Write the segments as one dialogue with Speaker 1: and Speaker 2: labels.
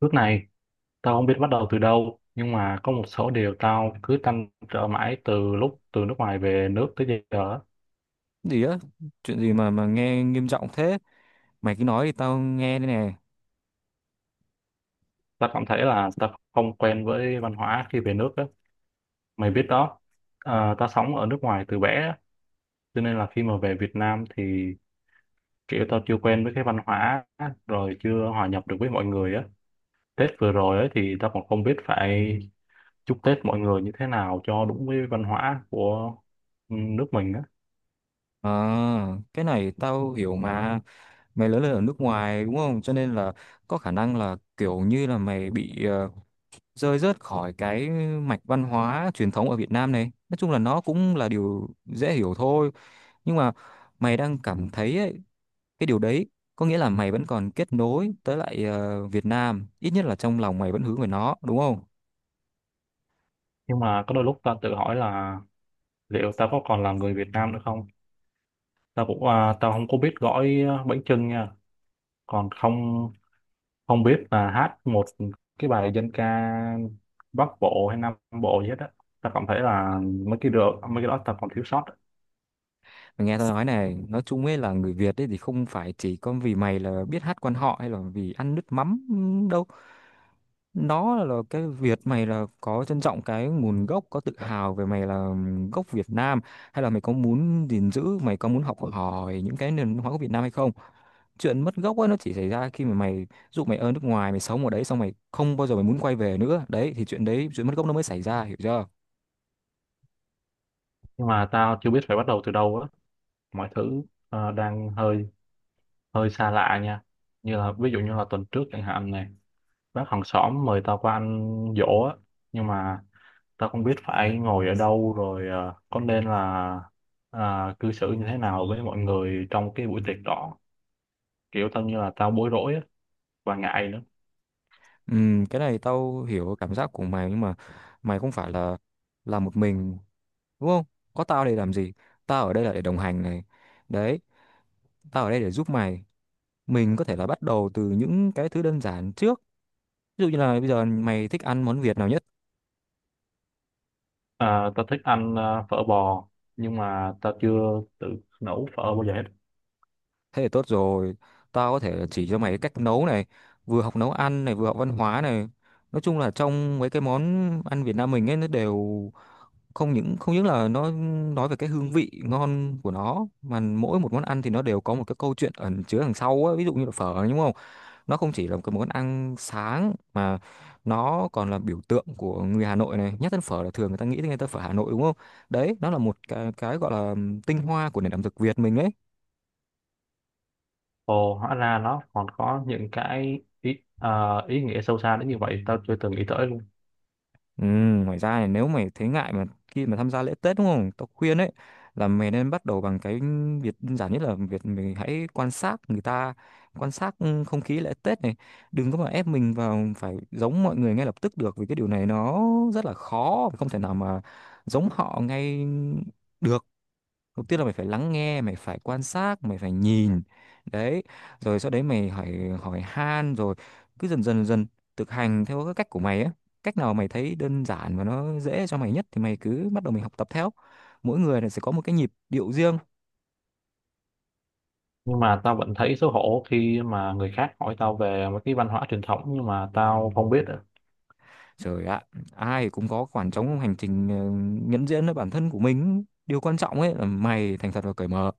Speaker 1: Lúc này, tao không biết bắt đầu từ đâu, nhưng mà có một số điều tao cứ trăn trở mãi từ lúc từ nước ngoài về nước tới giờ.
Speaker 2: Gì á chuyện gì mà nghe nghiêm trọng thế. Mày cứ nói thì tao nghe đây nè.
Speaker 1: Tao cảm thấy là tao không quen với văn hóa khi về nước á. Mày biết đó, tao sống ở nước ngoài từ bé, á, cho nên là khi mà về Việt Nam thì kiểu tao chưa quen với cái văn hóa, á, rồi chưa hòa nhập được với mọi người á. Tết vừa rồi ấy thì tao còn không biết phải chúc Tết mọi người như thế nào cho đúng với văn hóa của nước mình á.
Speaker 2: À, cái này tao hiểu mà. Mày lớn lên ở nước ngoài đúng không, cho nên là có khả năng là kiểu như là mày bị rơi rớt khỏi cái mạch văn hóa truyền thống ở Việt Nam. Này nói chung là nó cũng là điều dễ hiểu thôi, nhưng mà mày đang cảm thấy ấy, cái điều đấy có nghĩa là mày vẫn còn kết nối tới lại Việt Nam, ít nhất là trong lòng mày vẫn hướng về nó đúng không.
Speaker 1: Nhưng mà có đôi lúc tao tự hỏi là liệu tao có còn là người Việt Nam nữa không. Tao cũng à, tao không có biết gõi à, bánh chưng nha, còn không, không biết là hát một cái bài dân ca Bắc Bộ hay Nam Bộ gì hết á. Tao cảm thấy là mấy cái đó tao còn thiếu sót á.
Speaker 2: Mày nghe tao nói này, nói chung ấy là người Việt ấy thì không phải chỉ có vì mày là biết hát quan họ hay là vì ăn nước mắm đâu. Nó là cái Việt, mày là có trân trọng cái nguồn gốc, có tự hào về mày là gốc Việt Nam, hay là mày có muốn gìn giữ, mày có muốn học hỏi những cái nền văn hóa của Việt Nam hay không? Chuyện mất gốc ấy nó chỉ xảy ra khi mà mày dụ mày ở nước ngoài, mày sống ở đấy xong mày không bao giờ mày muốn quay về nữa. Đấy thì chuyện đấy, chuyện mất gốc nó mới xảy ra, hiểu chưa?
Speaker 1: Nhưng mà tao chưa biết phải bắt đầu từ đâu á, mọi thứ à, đang hơi hơi xa lạ nha, như là ví dụ như là tuần trước chẳng hạn này, bác hàng xóm mời tao qua ăn giỗ á, nhưng mà tao không biết phải ngồi ở đâu rồi ờ, có nên là à, cư xử như thế nào với mọi người trong cái buổi tiệc đó, kiểu tao như là tao bối rối á, và ngại nữa.
Speaker 2: Ừ, cái này tao hiểu cảm giác của mày, nhưng mà mày không phải là một mình đúng không? Có tao để làm gì? Tao ở đây là để đồng hành này. Đấy, tao ở đây để giúp mày. Mình có thể là bắt đầu từ những cái thứ đơn giản trước. Ví dụ như là bây giờ mày thích ăn món Việt nào nhất?
Speaker 1: À, tao thích ăn ờ, phở bò, nhưng mà tao chưa tự nấu phở bao giờ hết.
Speaker 2: Thế thì tốt rồi. Tao có thể là chỉ cho mày cái cách nấu này, vừa học nấu ăn này, vừa học văn hóa này. Nói chung là trong mấy cái món ăn Việt Nam mình ấy, nó đều không những là nó nói về cái hương vị ngon của nó, mà mỗi một món ăn thì nó đều có một cái câu chuyện ẩn chứa đằng sau á. Ví dụ như là phở đúng không, nó không chỉ là một cái món ăn sáng, mà nó còn là biểu tượng của người Hà Nội. Này nhất đến phở là thường người ta nghĩ đến, người ta phở Hà Nội đúng không. Đấy, nó là một cái gọi là tinh hoa của nền ẩm thực Việt mình đấy.
Speaker 1: Ồ, hóa ra nó còn có những cái ý ờ, ý nghĩa sâu xa đến như vậy, tao chưa từng nghĩ tới luôn.
Speaker 2: Ừ, ngoài ra này, nếu mày thấy ngại mà khi mà tham gia lễ Tết đúng không? Tao khuyên ấy là mày nên bắt đầu bằng cái việc đơn giản nhất là việc mình hãy quan sát người ta, quan sát không khí lễ Tết này. Đừng có mà ép mình vào phải giống mọi người ngay lập tức được, vì cái điều này nó rất là khó, không thể nào mà giống họ ngay được. Đầu tiên là mày phải lắng nghe, mày phải quan sát, mày phải nhìn, đấy, rồi sau đấy mày hỏi, hỏi han, rồi cứ dần dần dần thực hành theo cái cách của mày á. Cách nào mày thấy đơn giản và nó dễ cho mày nhất thì mày cứ bắt đầu mình học tập theo. Mỗi người là sẽ có một cái nhịp điệu riêng.
Speaker 1: Nhưng mà tao vẫn thấy xấu hổ khi mà người khác hỏi tao về một cái văn hóa truyền thống nhưng mà tao không biết ạ.
Speaker 2: Trời ạ, ai cũng có khoảng trống hành trình nhận diện với bản thân của mình. Điều quan trọng ấy là mày thành thật và cởi mở.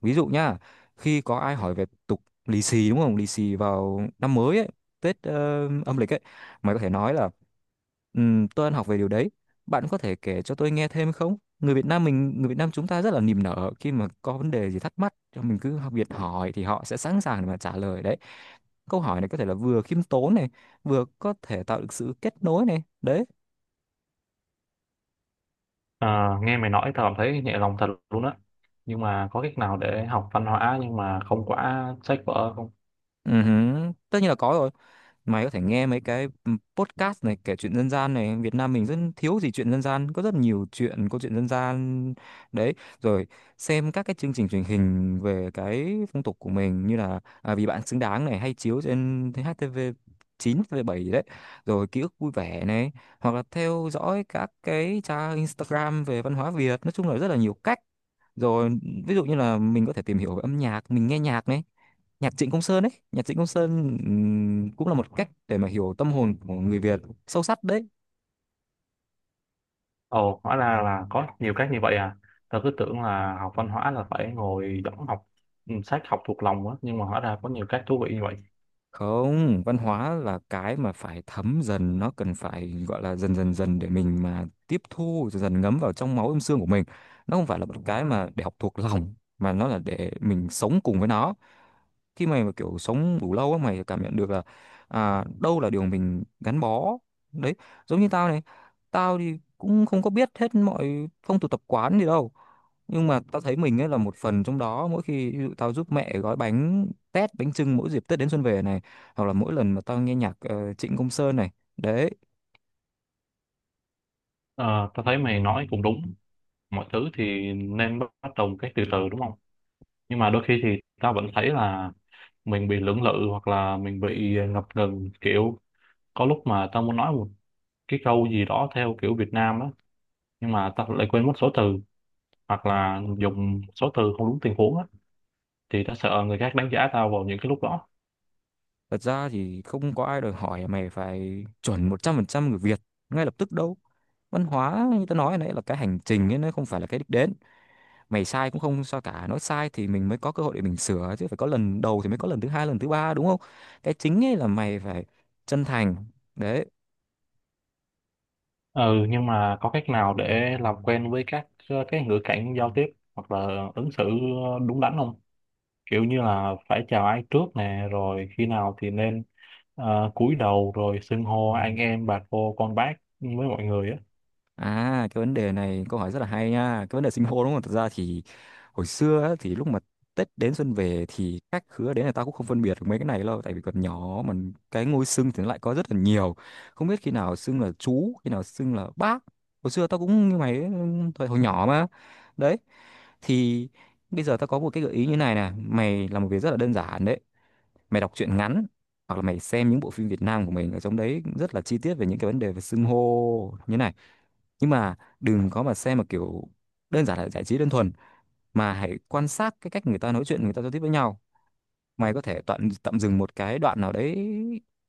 Speaker 2: Ví dụ nhá, khi có ai hỏi về tục lì xì đúng không? Lì xì vào năm mới ấy, Tết âm lịch ấy, mày có thể nói là tôi ăn học về điều đấy. Bạn có thể kể cho tôi nghe thêm không?" Người Việt Nam mình, người Việt Nam chúng ta rất là niềm nở, khi mà có vấn đề gì thắc mắc, cho mình cứ học Việt hỏi thì họ sẽ sẵn sàng để mà trả lời đấy. Câu hỏi này có thể là vừa khiêm tốn này, vừa có thể tạo được sự kết nối này. Đấy.
Speaker 1: À, nghe mày nói tao cảm thấy nhẹ lòng thật luôn á, nhưng mà có cách nào để học văn hóa nhưng mà không quá sách vở không?
Speaker 2: Ừ hứ, tất nhiên là có rồi. Mày có thể nghe mấy cái podcast này, kể chuyện dân gian này, Việt Nam mình rất thiếu gì chuyện dân gian, có rất nhiều chuyện, câu chuyện dân gian đấy. Rồi xem các cái chương trình truyền hình về cái phong tục của mình, như là à, Vì Bạn Xứng Đáng này hay chiếu trên HTV 9, HTV 7 gì đấy, rồi Ký Ức Vui Vẻ này, hoặc là theo dõi các cái trang Instagram về văn hóa Việt. Nói chung là rất là nhiều cách. Rồi ví dụ như là mình có thể tìm hiểu về âm nhạc, mình nghe nhạc này. Nhạc Trịnh Công Sơn ấy, nhạc Trịnh Công Sơn cũng là một cách để mà hiểu tâm hồn của người Việt sâu sắc đấy.
Speaker 1: Ồ, hóa ra là có nhiều cách như vậy à, tao cứ tưởng là học văn hóa là phải ngồi đóng học ừ, sách học thuộc lòng á, nhưng mà hóa ra có nhiều cách thú vị như vậy.
Speaker 2: Không, văn hóa là cái mà phải thấm dần, nó cần phải gọi là dần dần dần để mình mà tiếp thu dần dần, ngấm vào trong máu âm xương của mình. Nó không phải là một cái mà để học thuộc lòng, mà nó là để mình sống cùng với nó. Khi mày mà kiểu sống đủ lâu á, mày cảm nhận được là à, đâu là điều mình gắn bó. Đấy, giống như tao này, tao thì cũng không có biết hết mọi phong tục tập quán gì đâu, nhưng mà tao thấy mình ấy là một phần trong đó, mỗi khi ví dụ tao giúp mẹ gói bánh tét, bánh chưng mỗi dịp Tết đến xuân về này, hoặc là mỗi lần mà tao nghe nhạc Trịnh Công Sơn này, đấy.
Speaker 1: Ờ, tao thấy mày nói cũng đúng, mọi thứ thì nên bắt bắt đầu một cách từ từ đúng không? Nhưng mà đôi khi thì tao vẫn thấy là mình bị lưỡng lự hoặc là mình bị ngập ngừng, kiểu có lúc mà tao muốn nói một cái câu gì đó theo kiểu Việt Nam á, nhưng mà tao lại quên mất số từ, hoặc là dùng số từ không đúng tình huống á, thì tao sợ người khác đánh giá tao vào những cái lúc đó.
Speaker 2: Thật ra thì không có ai đòi hỏi mày phải chuẩn 100% người Việt ngay lập tức đâu. Văn hóa như tao nói nãy là cái hành trình ấy, nó không phải là cái đích đến. Mày sai cũng không sao cả, nói sai thì mình mới có cơ hội để mình sửa chứ, phải có lần đầu thì mới có lần thứ hai, lần thứ ba đúng không. Cái chính ấy là mày phải chân thành. Đấy.
Speaker 1: Ừ, nhưng mà có cách nào để làm quen với các ờ, cái ngữ cảnh giao tiếp hoặc là ứng xử ờ, đúng đắn không? Kiểu như là phải chào ai trước nè, rồi khi nào thì nên ờ, cúi đầu, rồi xưng hô anh em bà cô con bác với mọi người á.
Speaker 2: À, cái vấn đề này câu hỏi rất là hay nha. Cái vấn đề sinh hô đúng không? Thật ra thì hồi xưa á, thì lúc mà Tết đến xuân về thì khách khứa đến là tao cũng không phân biệt được mấy cái này đâu, tại vì còn nhỏ mà. Cái ngôi xưng thì nó lại có rất là nhiều. Không biết khi nào xưng là chú, khi nào xưng là bác. Hồi xưa tao cũng như mày ấy, thời hồi nhỏ mà. Đấy. Thì bây giờ tao có một cái gợi ý như này nè, mày làm một việc rất là đơn giản đấy. Mày đọc truyện ngắn hoặc là mày xem những bộ phim Việt Nam của mình, ở trong đấy rất là chi tiết về những cái vấn đề về xưng hô như này. Nhưng mà đừng có mà xem mà kiểu đơn giản là giải trí đơn thuần, mà hãy quan sát cái cách người ta nói chuyện, người ta giao tiếp với nhau. Mày có thể tạm dừng một cái đoạn nào đấy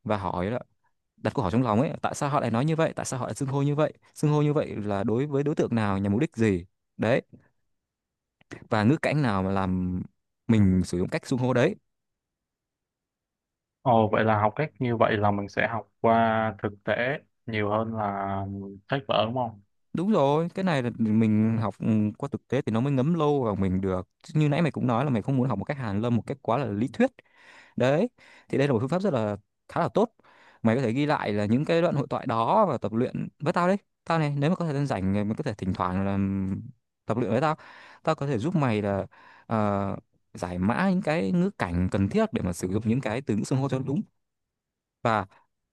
Speaker 2: và hỏi là, đặt câu hỏi trong lòng ấy, tại sao họ lại nói như vậy, tại sao họ lại xưng hô như vậy, xưng hô như vậy là đối với đối tượng nào, nhằm mục đích gì, đấy, và ngữ cảnh nào mà làm mình sử dụng cách xưng hô đấy.
Speaker 1: Ồ, vậy là học cách như vậy là mình sẽ học qua thực tế nhiều hơn là sách vở đúng không?
Speaker 2: Đúng rồi, cái này là mình học qua thực tế thì nó mới ngấm lâu vào mình được. Chứ như nãy mày cũng nói là mày không muốn học một cách hàn lâm, một cách quá là lý thuyết. Đấy, thì đây là một phương pháp rất là, khá là tốt. Mày có thể ghi lại là những cái đoạn hội thoại đó và tập luyện với tao đấy. Tao này, nếu mà có thời gian rảnh mày có thể thỉnh thoảng là tập luyện với tao. Tao có thể giúp mày là ờ, giải mã những cái ngữ cảnh cần thiết để mà sử dụng những cái từ ngữ xưng hô cho đúng. Và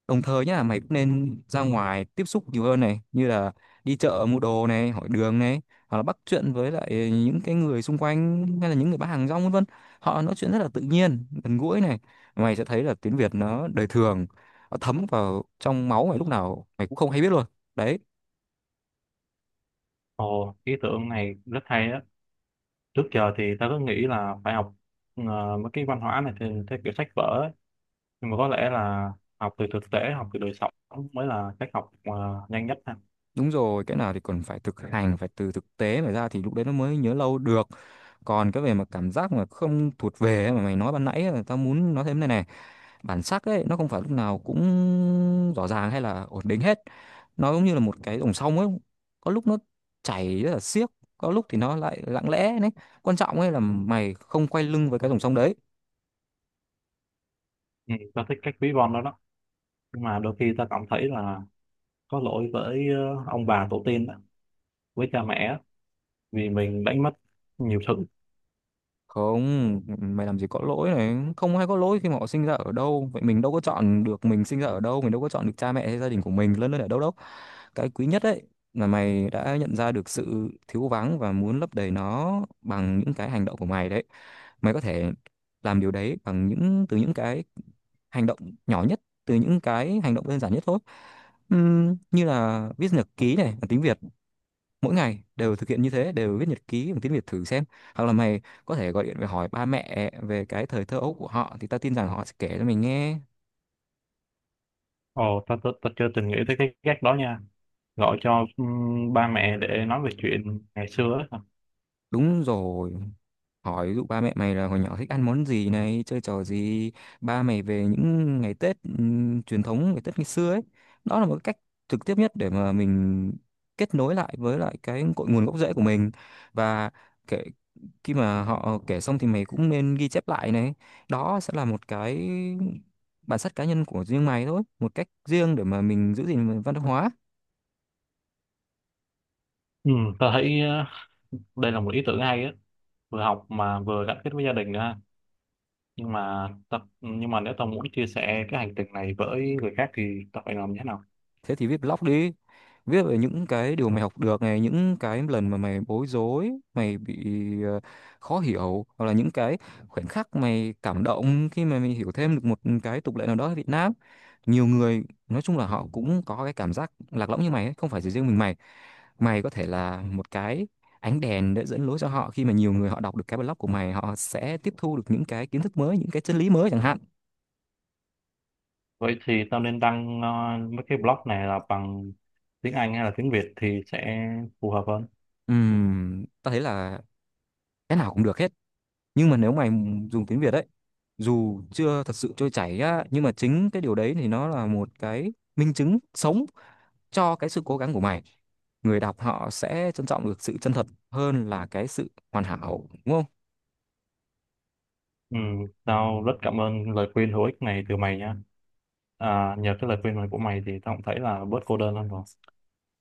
Speaker 2: đồng thời nhá, mày cũng nên ra ngoài tiếp xúc nhiều hơn này, như là đi chợ mua đồ này, hỏi đường này, hoặc là bắt chuyện với lại những cái người xung quanh, hay là những người bán hàng rong vân vân. Họ nói chuyện rất là tự nhiên, gần gũi này. Mày sẽ thấy là tiếng Việt nó đời thường, nó thấm vào trong máu mày lúc nào mày cũng không hay biết luôn. Đấy,
Speaker 1: Ồ, ý tưởng này rất hay á, trước giờ thì ta cứ nghĩ là phải học ờ, mấy cái văn hóa này theo kiểu sách vở ấy. Nhưng mà có lẽ là học từ thực tế, học từ đời sống mới là cách học ờ, nhanh nhất ha.
Speaker 2: đúng rồi, cái nào thì còn phải thực hành, phải từ thực tế mà ra thì lúc đấy nó mới nhớ lâu được. Còn cái về mà cảm giác mà không thuộc về ấy mà mày nói ban nãy, ấy, tao muốn nói thêm này này. Bản sắc ấy nó không phải lúc nào cũng rõ ràng hay là ổn định hết. Nó giống như là một cái dòng sông ấy, có lúc nó chảy rất là xiết, có lúc thì nó lại lặng lẽ đấy. Quan trọng ấy là mày không quay lưng với cái dòng sông đấy.
Speaker 1: Ừ, ta thích cách ví von đó đó, nhưng mà đôi khi ta cảm thấy là có lỗi với ờ, ông bà tổ tiên đó, với cha mẹ á, vì mình đánh mất nhiều thứ.
Speaker 2: Không, mày làm gì có lỗi này, không ai có lỗi khi mà họ sinh ra ở đâu. Vậy mình đâu có chọn được mình sinh ra ở đâu, mình đâu có chọn được cha mẹ hay gia đình của mình lớn lên ở đâu đâu. Cái quý nhất đấy là mày đã nhận ra được sự thiếu vắng và muốn lấp đầy nó bằng những cái hành động của mày đấy. Mày có thể làm điều đấy bằng những từ những cái hành động nhỏ nhất, từ những cái hành động đơn giản nhất thôi. Như là viết nhật ký này, bằng tiếng Việt, mỗi ngày đều thực hiện như thế, đều viết nhật ký bằng tiếng Việt thử xem. Hoặc là mày có thể gọi điện về hỏi ba mẹ về cái thời thơ ấu của họ, thì tao tin rằng họ sẽ kể cho mình nghe.
Speaker 1: Ồ ta, ta chưa từng nghĩ tới cái cách đó nha, gọi cho ba mẹ để nói về chuyện ngày xưa ấy.
Speaker 2: Đúng rồi, hỏi ví dụ ba mẹ mày là hồi nhỏ thích ăn món gì này, chơi trò gì, ba mày về những ngày Tết, truyền thống ngày Tết ngày xưa ấy. Đó là một cái cách trực tiếp nhất để mà mình kết nối lại với lại cái cội nguồn gốc rễ của mình. Và kể, khi mà họ kể xong thì mày cũng nên ghi chép lại này. Đó sẽ là một cái bản sắc cá nhân của riêng mày thôi, một cách riêng để mà mình giữ gìn văn hóa.
Speaker 1: Ừ, ta thấy ờ, đây là một ý tưởng hay á, vừa học mà vừa gắn kết với gia đình nữa ha. Nhưng mà nếu tao muốn chia sẻ cái hành trình này với người khác thì tao phải làm như thế nào?
Speaker 2: Thế thì viết blog đi, viết về những cái điều mày học được này, những cái lần mà mày bối rối, mày bị ờ, khó hiểu, hoặc là những cái khoảnh khắc mày cảm động khi mà mày hiểu thêm được một cái tục lệ nào đó ở Việt Nam. Nhiều người nói chung là họ cũng có cái cảm giác lạc lõng như mày ấy, không phải chỉ riêng mình mày. Mày có thể là một cái ánh đèn để dẫn lối cho họ, khi mà nhiều người họ đọc được cái blog của mày, họ sẽ tiếp thu được những cái kiến thức mới, những cái chân lý mới chẳng hạn.
Speaker 1: Vậy thì tao nên đăng ờ, mấy cái blog này là bằng tiếng Anh hay là tiếng Việt thì sẽ phù hợp hơn?
Speaker 2: Tao thấy là cái nào cũng được hết, nhưng mà nếu mày dùng tiếng Việt ấy, dù chưa thật sự trôi chảy á, nhưng mà chính cái điều đấy thì nó là một cái minh chứng sống cho cái sự cố gắng của mày. Người đọc họ sẽ trân trọng được sự chân thật hơn là cái sự hoàn hảo, đúng không.
Speaker 1: Ừ, tao rất cảm ơn lời khuyên hữu ích này từ mày nha. À, nhờ cái lời khuyên này của mày thì tao cũng thấy là bớt cô đơn hơn rồi.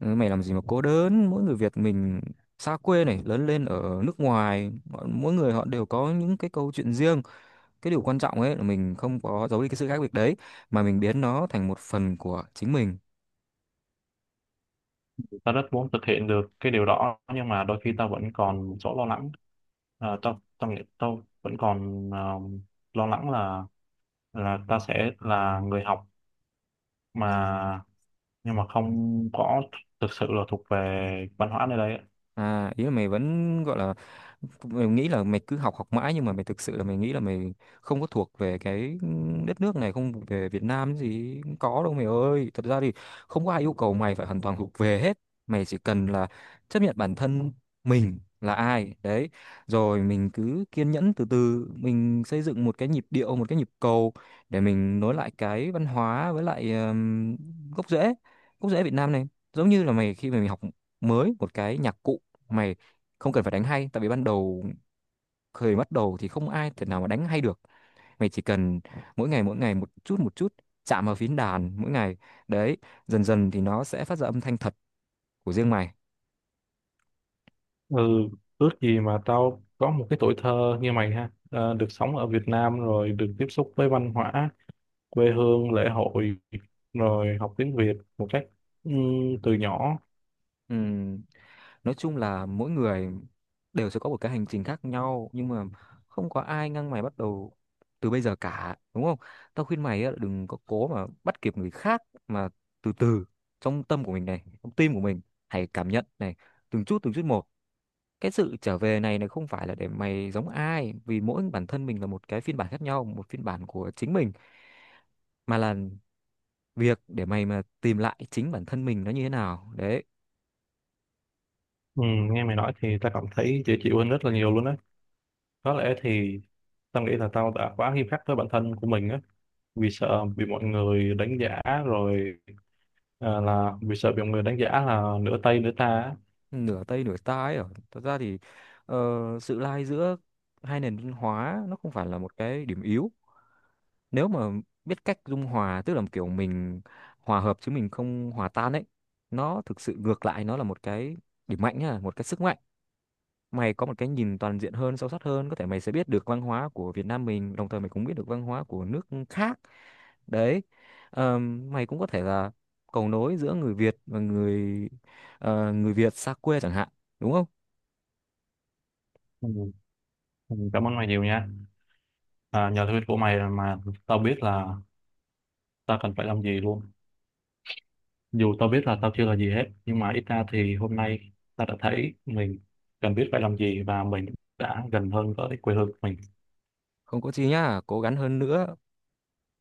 Speaker 2: Ừ, mày làm gì mà cố đớn, mỗi người Việt mình xa quê này, lớn lên ở nước ngoài, mỗi người họ đều có những cái câu chuyện riêng. Cái điều quan trọng ấy là mình không có giấu đi cái sự khác biệt đấy, mà mình biến nó thành một phần của chính mình.
Speaker 1: Tao rất muốn thực hiện được cái điều đó nhưng mà đôi khi tao vẫn còn một số lo lắng. À, tao tao nghĩ tao vẫn còn ờ, lo lắng là tao sẽ là người học mà nhưng mà không có thực sự là thuộc về văn hóa nơi đây á.
Speaker 2: À, ý là mày vẫn gọi là mày nghĩ là mày cứ học học mãi, nhưng mà mày thực sự là mày nghĩ là mày không có thuộc về cái đất nước này, không về Việt Nam gì cũng có đâu mày ơi. Thật ra thì không có ai yêu cầu mày phải hoàn toàn thuộc về hết, mày chỉ cần là chấp nhận bản thân mình là ai đấy, rồi mình cứ kiên nhẫn từ từ mình xây dựng một cái nhịp điệu, một cái nhịp cầu để mình nối lại cái văn hóa với lại gốc rễ, gốc rễ Việt Nam này. Giống như là mày, khi mà mày học mới một cái nhạc cụ, mày không cần phải đánh hay, tại vì ban đầu bắt đầu thì không ai thể nào mà đánh hay được. Mày chỉ cần mỗi ngày một chút một chút, chạm vào phím đàn mỗi ngày đấy, dần dần thì nó sẽ phát ra âm thanh thật của riêng mày.
Speaker 1: Ừ, ước gì mà tao có một cái tuổi thơ như mày ha, ờ, được sống ở Việt Nam rồi được tiếp xúc với văn hóa, quê hương, lễ hội, rồi học tiếng Việt một cách từ nhỏ.
Speaker 2: Ừm, nói chung là mỗi người đều sẽ có một cái hành trình khác nhau, nhưng mà không có ai ngăn mày bắt đầu từ bây giờ cả, đúng không. Tao khuyên mày á, đừng có cố mà bắt kịp người khác, mà từ từ, trong tâm của mình này, trong tim của mình, hãy cảm nhận này, từng chút một. Cái sự trở về này này không phải là để mày giống ai, vì mỗi bản thân mình là một cái phiên bản khác nhau, một phiên bản của chính mình, mà là việc để mày mà tìm lại chính bản thân mình nó như thế nào đấy.
Speaker 1: Nghe mày nói thì tao cảm thấy dễ chịu hơn rất là nhiều luôn á. Có lẽ thì tao nghĩ là tao đã quá nghiêm khắc với bản thân của mình á, vì sợ bị mọi người đánh giá rồi ờ, là vì sợ bị mọi người đánh giá là nửa Tây nửa ta á.
Speaker 2: Nửa Tây nửa Ta ấy, ở thật ra thì ờ, sự lai giữa hai nền văn hóa nó không phải là một cái điểm yếu. Nếu mà biết cách dung hòa, tức là kiểu mình hòa hợp chứ mình không hòa tan ấy, nó thực sự ngược lại, nó là một cái điểm mạnh nhá, một cái sức mạnh. Mày có một cái nhìn toàn diện hơn, sâu sắc hơn, có thể mày sẽ biết được văn hóa của Việt Nam mình, đồng thời mày cũng biết được văn hóa của nước khác đấy. Mày cũng có thể là cầu nối giữa người Việt và người, người Việt xa quê chẳng hạn, đúng không.
Speaker 1: Ừ, ừ, cảm ơn mày nhiều nha. À, nhờ thuyết của mày mà tao biết là tao cần phải làm gì luôn. Dù tao biết là tao chưa là gì hết, nhưng mà ít ra thì hôm nay tao đã thấy mình cần biết phải làm gì và mình đã gần hơn với quê hương của mình.
Speaker 2: Không có chi nhá, cố gắng hơn nữa.